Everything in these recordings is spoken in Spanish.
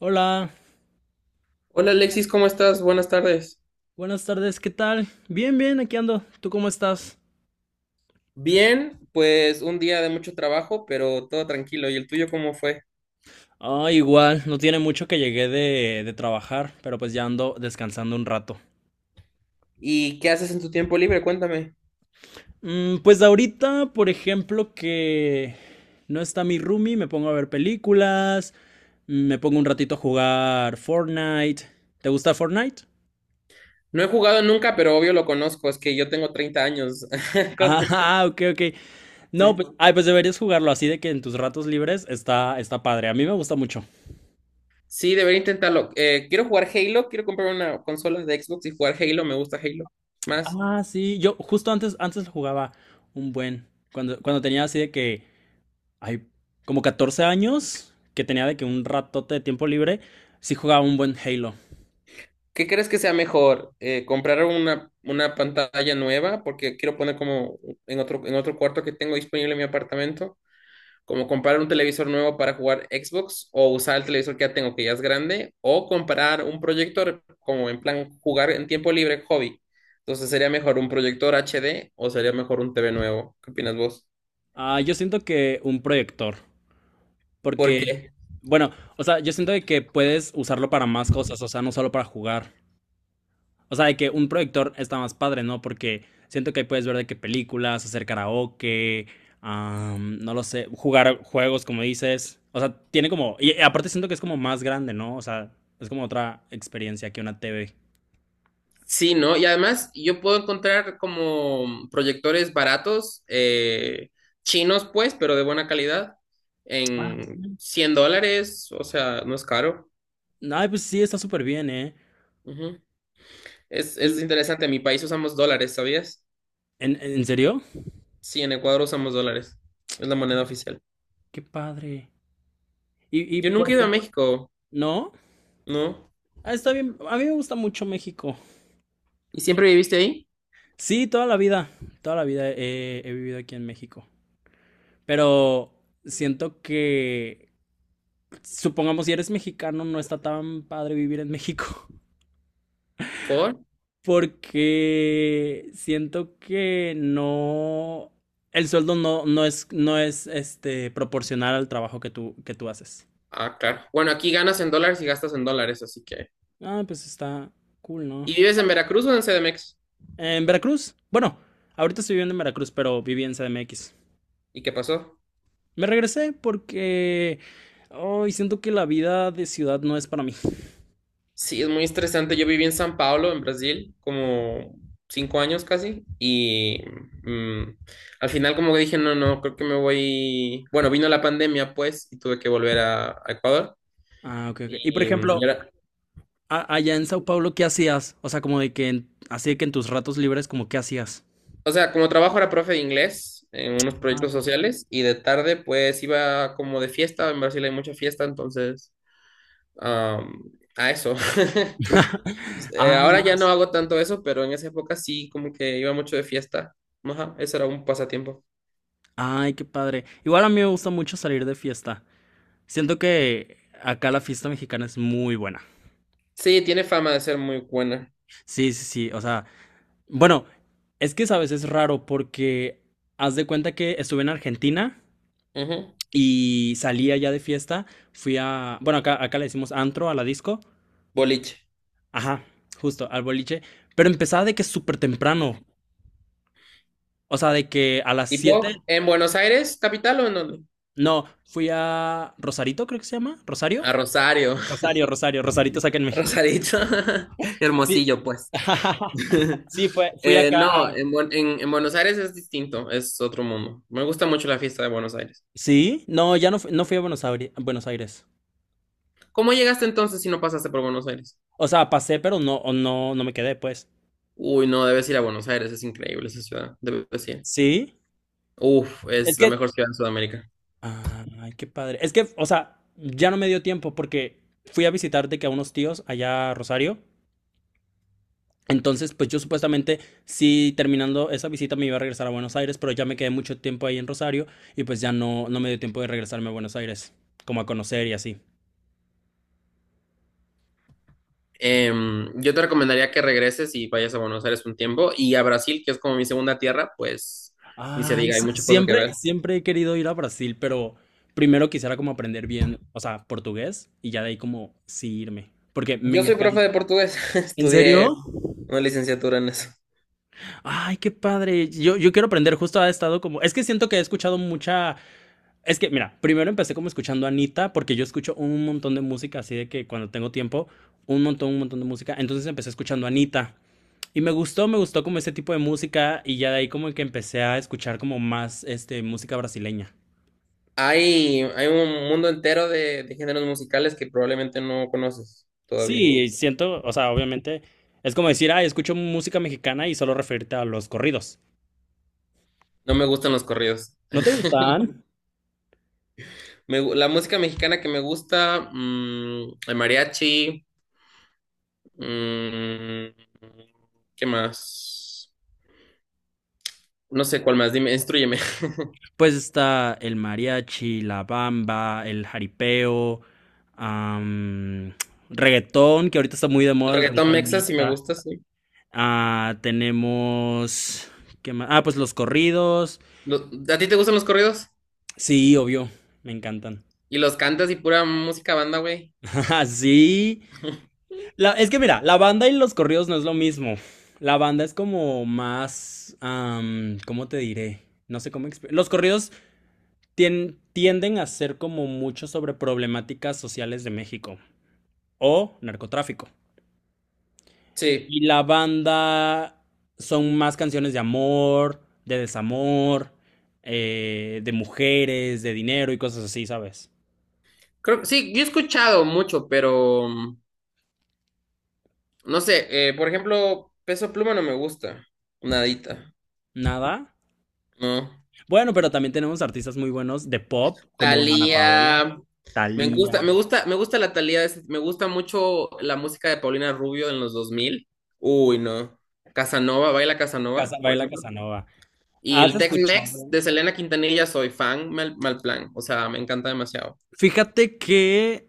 Hola, Hola Alexis, ¿cómo estás? Buenas tardes. buenas tardes, ¿qué tal? Bien, bien, aquí ando. ¿Tú cómo estás? Bien, pues un día de mucho trabajo, pero todo tranquilo. ¿Y el tuyo cómo fue? Ah, igual, no tiene mucho que llegué de trabajar, pero pues ya ando descansando un rato. ¿Y qué haces en tu tiempo libre? Cuéntame. Pues ahorita, por ejemplo, que no está mi roomie, me pongo a ver películas, me pongo un ratito a jugar Fortnite. ¿Te gusta Fortnite? No he jugado nunca, pero obvio lo conozco. Es que yo tengo 30 años. Ah, Con- ok, ok. No, Sí. pues, ay, pues deberías jugarlo así de que en tus ratos libres está padre. A mí me gusta mucho. Sí, debería intentarlo. Quiero jugar Halo, quiero comprar una consola de Xbox y jugar Halo. Me gusta Halo más. Ah, sí, yo justo antes jugaba un buen, cuando tenía así de que, hay como 14 años, que tenía de que un ratote de tiempo libre, sí jugaba un buen Halo. ¿Qué crees que sea mejor? ¿Comprar una pantalla nueva? Porque quiero poner como en otro cuarto que tengo disponible en mi apartamento. Como comprar un televisor nuevo para jugar Xbox o usar el televisor que ya tengo, que ya es grande, o comprar un proyector como en plan jugar en tiempo libre, hobby. Entonces, ¿sería mejor un proyector HD o sería mejor un TV nuevo? ¿Qué opinas vos? Ah, yo siento que un proyector, porque, Porque bueno, o sea, yo siento de que puedes usarlo para más cosas, o sea, no solo para jugar. O sea, de que un proyector está más padre, ¿no? Porque siento que ahí puedes ver de qué películas, hacer karaoke, no lo sé, jugar juegos, como dices. O sea, tiene como... Y aparte siento que es como más grande, ¿no? O sea, es como otra experiencia que una TV. sí, ¿no? Y además yo puedo encontrar como proyectores baratos, chinos pues, pero de buena calidad, Ah, en $100, o sea, no es caro. ay, pues sí, está súper bien, ¿eh? Ujú. Es Y, interesante, en mi país usamos dólares, ¿sabías? ¿en serio? Sí, en Ecuador usamos dólares. Es la moneda oficial. Qué padre. Y Yo por nunca he ido a ejemplo, México, ¿no? ¿no? Ah, está bien. A mí me gusta mucho México. ¿Y siempre viviste ahí? Sí, toda la vida. Toda la vida he vivido aquí en México. Pero siento que supongamos si eres mexicano, no está tan padre vivir en México. ¿Por? Porque siento que no. El sueldo no, no es, no es este, proporcional al trabajo que tú haces. Ah, claro. Bueno, aquí ganas en dólares y gastas en dólares, así que. Ah, pues está cool, ¿no? ¿Y vives en Veracruz o en CDMX? En Veracruz. Bueno, ahorita estoy viviendo en Veracruz, pero viví en CDMX. ¿Y qué pasó? Me regresé porque. Ay, siento que la vida de ciudad no es para mí. Sí, es muy estresante. Yo viví en San Pablo, en Brasil, como 5 años casi. Y mm, al final, como que dije, no, no, creo que me voy. Bueno, vino la pandemia, pues, y tuve que volver a Ecuador. Ah, ok, ok. Y por Y, mm, y ejemplo, ahora- allá en Sao Paulo, ¿qué hacías? O sea, como de que así de que en tus ratos libres, como, ¿qué hacías? O sea, como trabajo era profe de inglés en unos Ah, proyectos ok. sociales y de tarde pues iba como de fiesta, en Brasil hay mucha fiesta, entonces am, a eso. Ah, Ahora no. ya no hago tanto eso, pero en esa época sí como que iba mucho de fiesta. Ajá, eso era un pasatiempo. Ay, qué padre. Igual a mí me gusta mucho salir de fiesta. Siento que acá la fiesta mexicana es muy buena. Sí, tiene fama de ser muy buena. Sí, sí, sí. O sea, bueno, es que sabes, es raro porque haz de cuenta que estuve en Argentina Ujú. y salí allá de fiesta. Fui a, bueno, acá le decimos antro a la disco. Boliche. Ajá, justo, al boliche. Pero empezaba de que súper temprano. O sea, de que a las 7 ¿Tipo? ¿En Buenos Aires, capital o en dónde? no, fui a Rosarito, creo que se llama, Rosario. A Rosario. Rosario, Rosario, Rosarito es acá en México. Rosarito. Sí. Hermosillo, pues. Sí, fui acá a... No, en Buenos Aires es distinto, es otro mundo. Me gusta mucho la fiesta de Buenos Aires. Sí, no, ya no, no fui a Buenos Aires, Buenos Aires. ¿Cómo llegaste entonces si no pasaste por Buenos Aires? O sea, pasé, pero no, o no, no me quedé, pues. Uy, no, debes ir a Buenos Aires, es increíble esa ciudad, debes ir. Sí, Uf, es es la que... mejor ciudad de Sudamérica. Ay, qué padre. Es que, o sea, ya no me dio tiempo porque fui a visitar de que a unos tíos allá a Rosario. Entonces, pues yo supuestamente, sí, terminando esa visita me iba a regresar a Buenos Aires, pero ya me quedé mucho tiempo ahí en Rosario y pues ya no, no me dio tiempo de regresarme a Buenos Aires, como a conocer y así. Yo te recomendaría que regreses y vayas a Buenos Aires un tiempo y a Brasil, que es como mi segunda tierra, pues ni se Ay, diga, hay sí, muchas cosas que siempre, ver. siempre he querido ir a Brasil, pero primero quisiera como aprender bien, o sea, portugués y ya de ahí como sí irme, porque me Yo soy profe encanta. de portugués, ¿En estudié serio? una licenciatura en eso. Ay, qué padre. Yo quiero aprender, justo ha estado como, es que siento que he escuchado mucha. Es que, mira, primero empecé como escuchando a Anita, porque yo escucho un montón de música, así de que cuando tengo tiempo, un montón de música. Entonces empecé escuchando a Anita. Y me gustó como ese tipo de música, y ya de ahí como que empecé a escuchar como más, este, música brasileña. Hay un mundo entero de géneros musicales que probablemente no conoces todavía. Sí, siento, o sea, obviamente, es como decir, ay, escucho música mexicana y solo referirte a los corridos. No me gustan los corridos. ¿No te gustan? Me gu- la música mexicana que me gusta, el mariachi, mm, ¿qué más? No sé cuál más, dime, instrúyeme. Pues está el mariachi, la bamba, el jaripeo, am, reggaetón, que ahorita está muy de El moda el reggaetón reggaetón. mexa sí me Neta. gusta, sí. Ah, tenemos, ¿qué más? Ah, pues los corridos. Lo- ¿a ti te gustan los corridos? Sí, obvio, me encantan. Y los cantas y pura música banda, güey. Ajá, sí, es que mira, la banda y los corridos no es lo mismo. La banda es como más, ¿cómo te diré? No sé cómo. Los corridos tienden a ser como mucho sobre problemáticas sociales de México. O narcotráfico. Sí. Y la banda son más canciones de amor, de desamor, de mujeres, de dinero y cosas así, ¿sabes? Creo, sí, yo he escuchado mucho, pero no sé, por ejemplo, Peso Pluma no me gusta, nadita, Nada. ¿no? Bueno, pero también tenemos artistas muy buenos de pop, como Dana Paola, Talía, me gusta, Thalía, me gusta, me gusta la Talía, me gusta mucho la música de Paulina Rubio en los 2000. Uy, no. Casanova, Baila Casanova, por Baila ejemplo. Casanova. Y ¿Has el Tex-Mex escuchado? de Selena Quintanilla soy fan, mal, mal plan, o sea, me encanta demasiado. Fíjate que,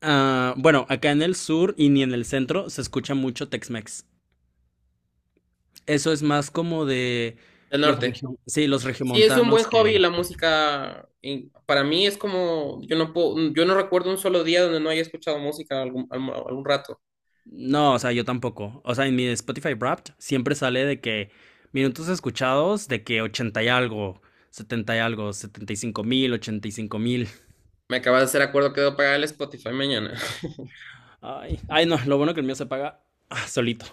bueno, acá en el sur y ni en el centro se escucha mucho Tex-Mex. Eso es más como de Del norte. Sí, los Sí, es un buen regiomontanos hobby que... la música. Y para mí es como, yo no puedo, yo no recuerdo un solo día donde no haya escuchado música algún rato. No, o sea, yo tampoco. O sea, en mi Spotify Wrapped siempre sale de que minutos escuchados, de que 80 y algo, 70 y algo, 75,000, 85,000. Me acabas de hacer acuerdo que debo pagar el Spotify mañana. Ay, ay, no, lo bueno que el mío se paga solito.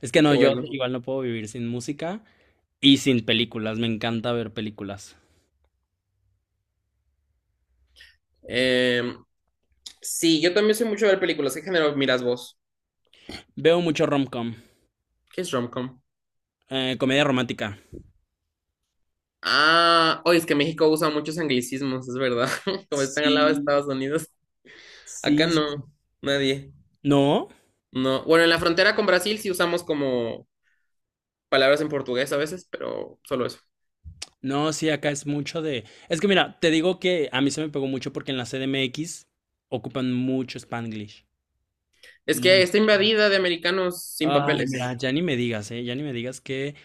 Es que Qué no, yo bueno. igual no puedo vivir sin música y sin películas. Me encanta ver películas. Eh, sí, yo también soy mucho de ver películas. ¿Qué género miras vos? Veo mucho rom-com, ¿Qué es romcom? Comedia romántica. Ah, oye, es que México usa muchos anglicismos, es verdad. Como están al lado de Sí, Estados Unidos. Acá sí, sí. no, nadie. ¿No? No. Bueno, en la frontera con Brasil sí usamos como palabras en portugués a veces, pero solo eso. No, sí, acá es mucho de... Es que mira, te digo que a mí se me pegó mucho porque en la CDMX ocupan mucho Spanglish. Es que está Muchísimo. invadida de americanos sin Ay, papeles. mira, ya ni me digas, ¿eh? Ya ni me digas que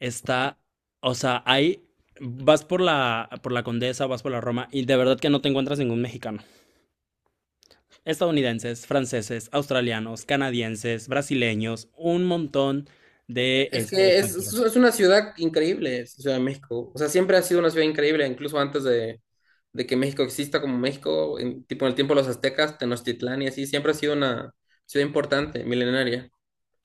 está... O sea, ahí vas por la Condesa, vas por la Roma y de verdad que no te encuentras ningún mexicano. Estadounidenses, franceses, australianos, canadienses, brasileños, un montón de Es que extranjeros. es una ciudad increíble, es la Ciudad de México. O sea, siempre ha sido una ciudad increíble, incluso antes de que México exista como México, en, tipo en el tiempo de los aztecas, Tenochtitlán y así, siempre ha sido una ciudad importante, milenaria.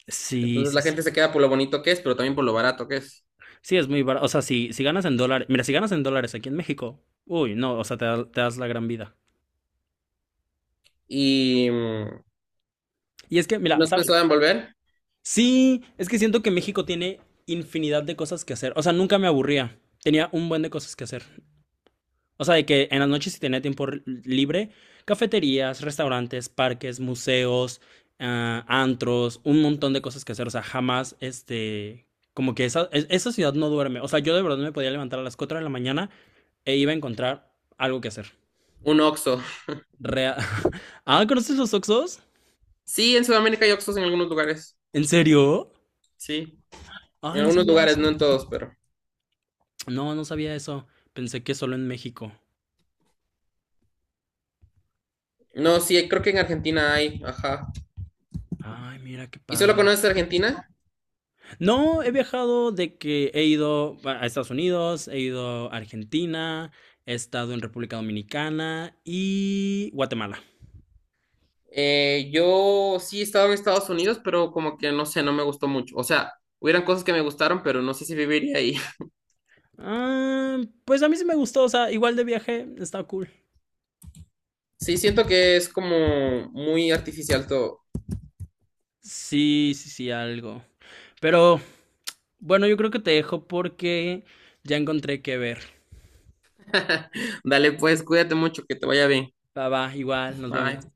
Sí, Entonces sí, la gente sí. se queda por lo bonito que es, pero también por lo barato que es. Sí, es muy barato. O sea, si ganas en dólares, mira, si ganas en dólares aquí en México, uy, no, o sea, te das la gran vida. Y, mm, Y es que, ¿Y mira, nos ¿sabes? pensaba en volver Sí, es que siento que México tiene infinidad de cosas que hacer. O sea, nunca me aburría. Tenía un buen de cosas que hacer. O sea, de que en las noches si tenía tiempo libre, cafeterías, restaurantes, parques, museos, antros, un montón de cosas que hacer. O sea, jamás, como que esa ciudad no duerme. O sea, yo de verdad me podía levantar a las 4 de la mañana e iba a encontrar algo que hacer. un Oxxo? Rea- ¿Conoces los oxxos? Sí, en Sudamérica hay Oxxos en algunos lugares. ¿En serio? Sí, en Ay, no algunos sabía lugares, eso. no en todos, pero. No, no sabía eso. Pensé que solo en México. No, sí, creo que en Argentina hay, ajá. Ay, mira qué ¿Y solo padre. conoces Argentina? No, he viajado de que he ido a Estados Unidos, he ido a Argentina, he estado en República Dominicana y Guatemala. Yo sí he estado en Estados Unidos, pero como que no sé, no me gustó mucho. O sea, hubieran cosas que me gustaron, pero no sé si viviría ahí. Ah, pues a mí sí me gustó, o sea, igual de viaje, está cool. Sí, siento que es como muy artificial todo. Sí, sí, sí, algo. Pero bueno, yo creo que te dejo porque ya encontré qué ver. Dale, pues, cuídate mucho, que te vaya bien. Va, va, igual, nos vemos. Bye.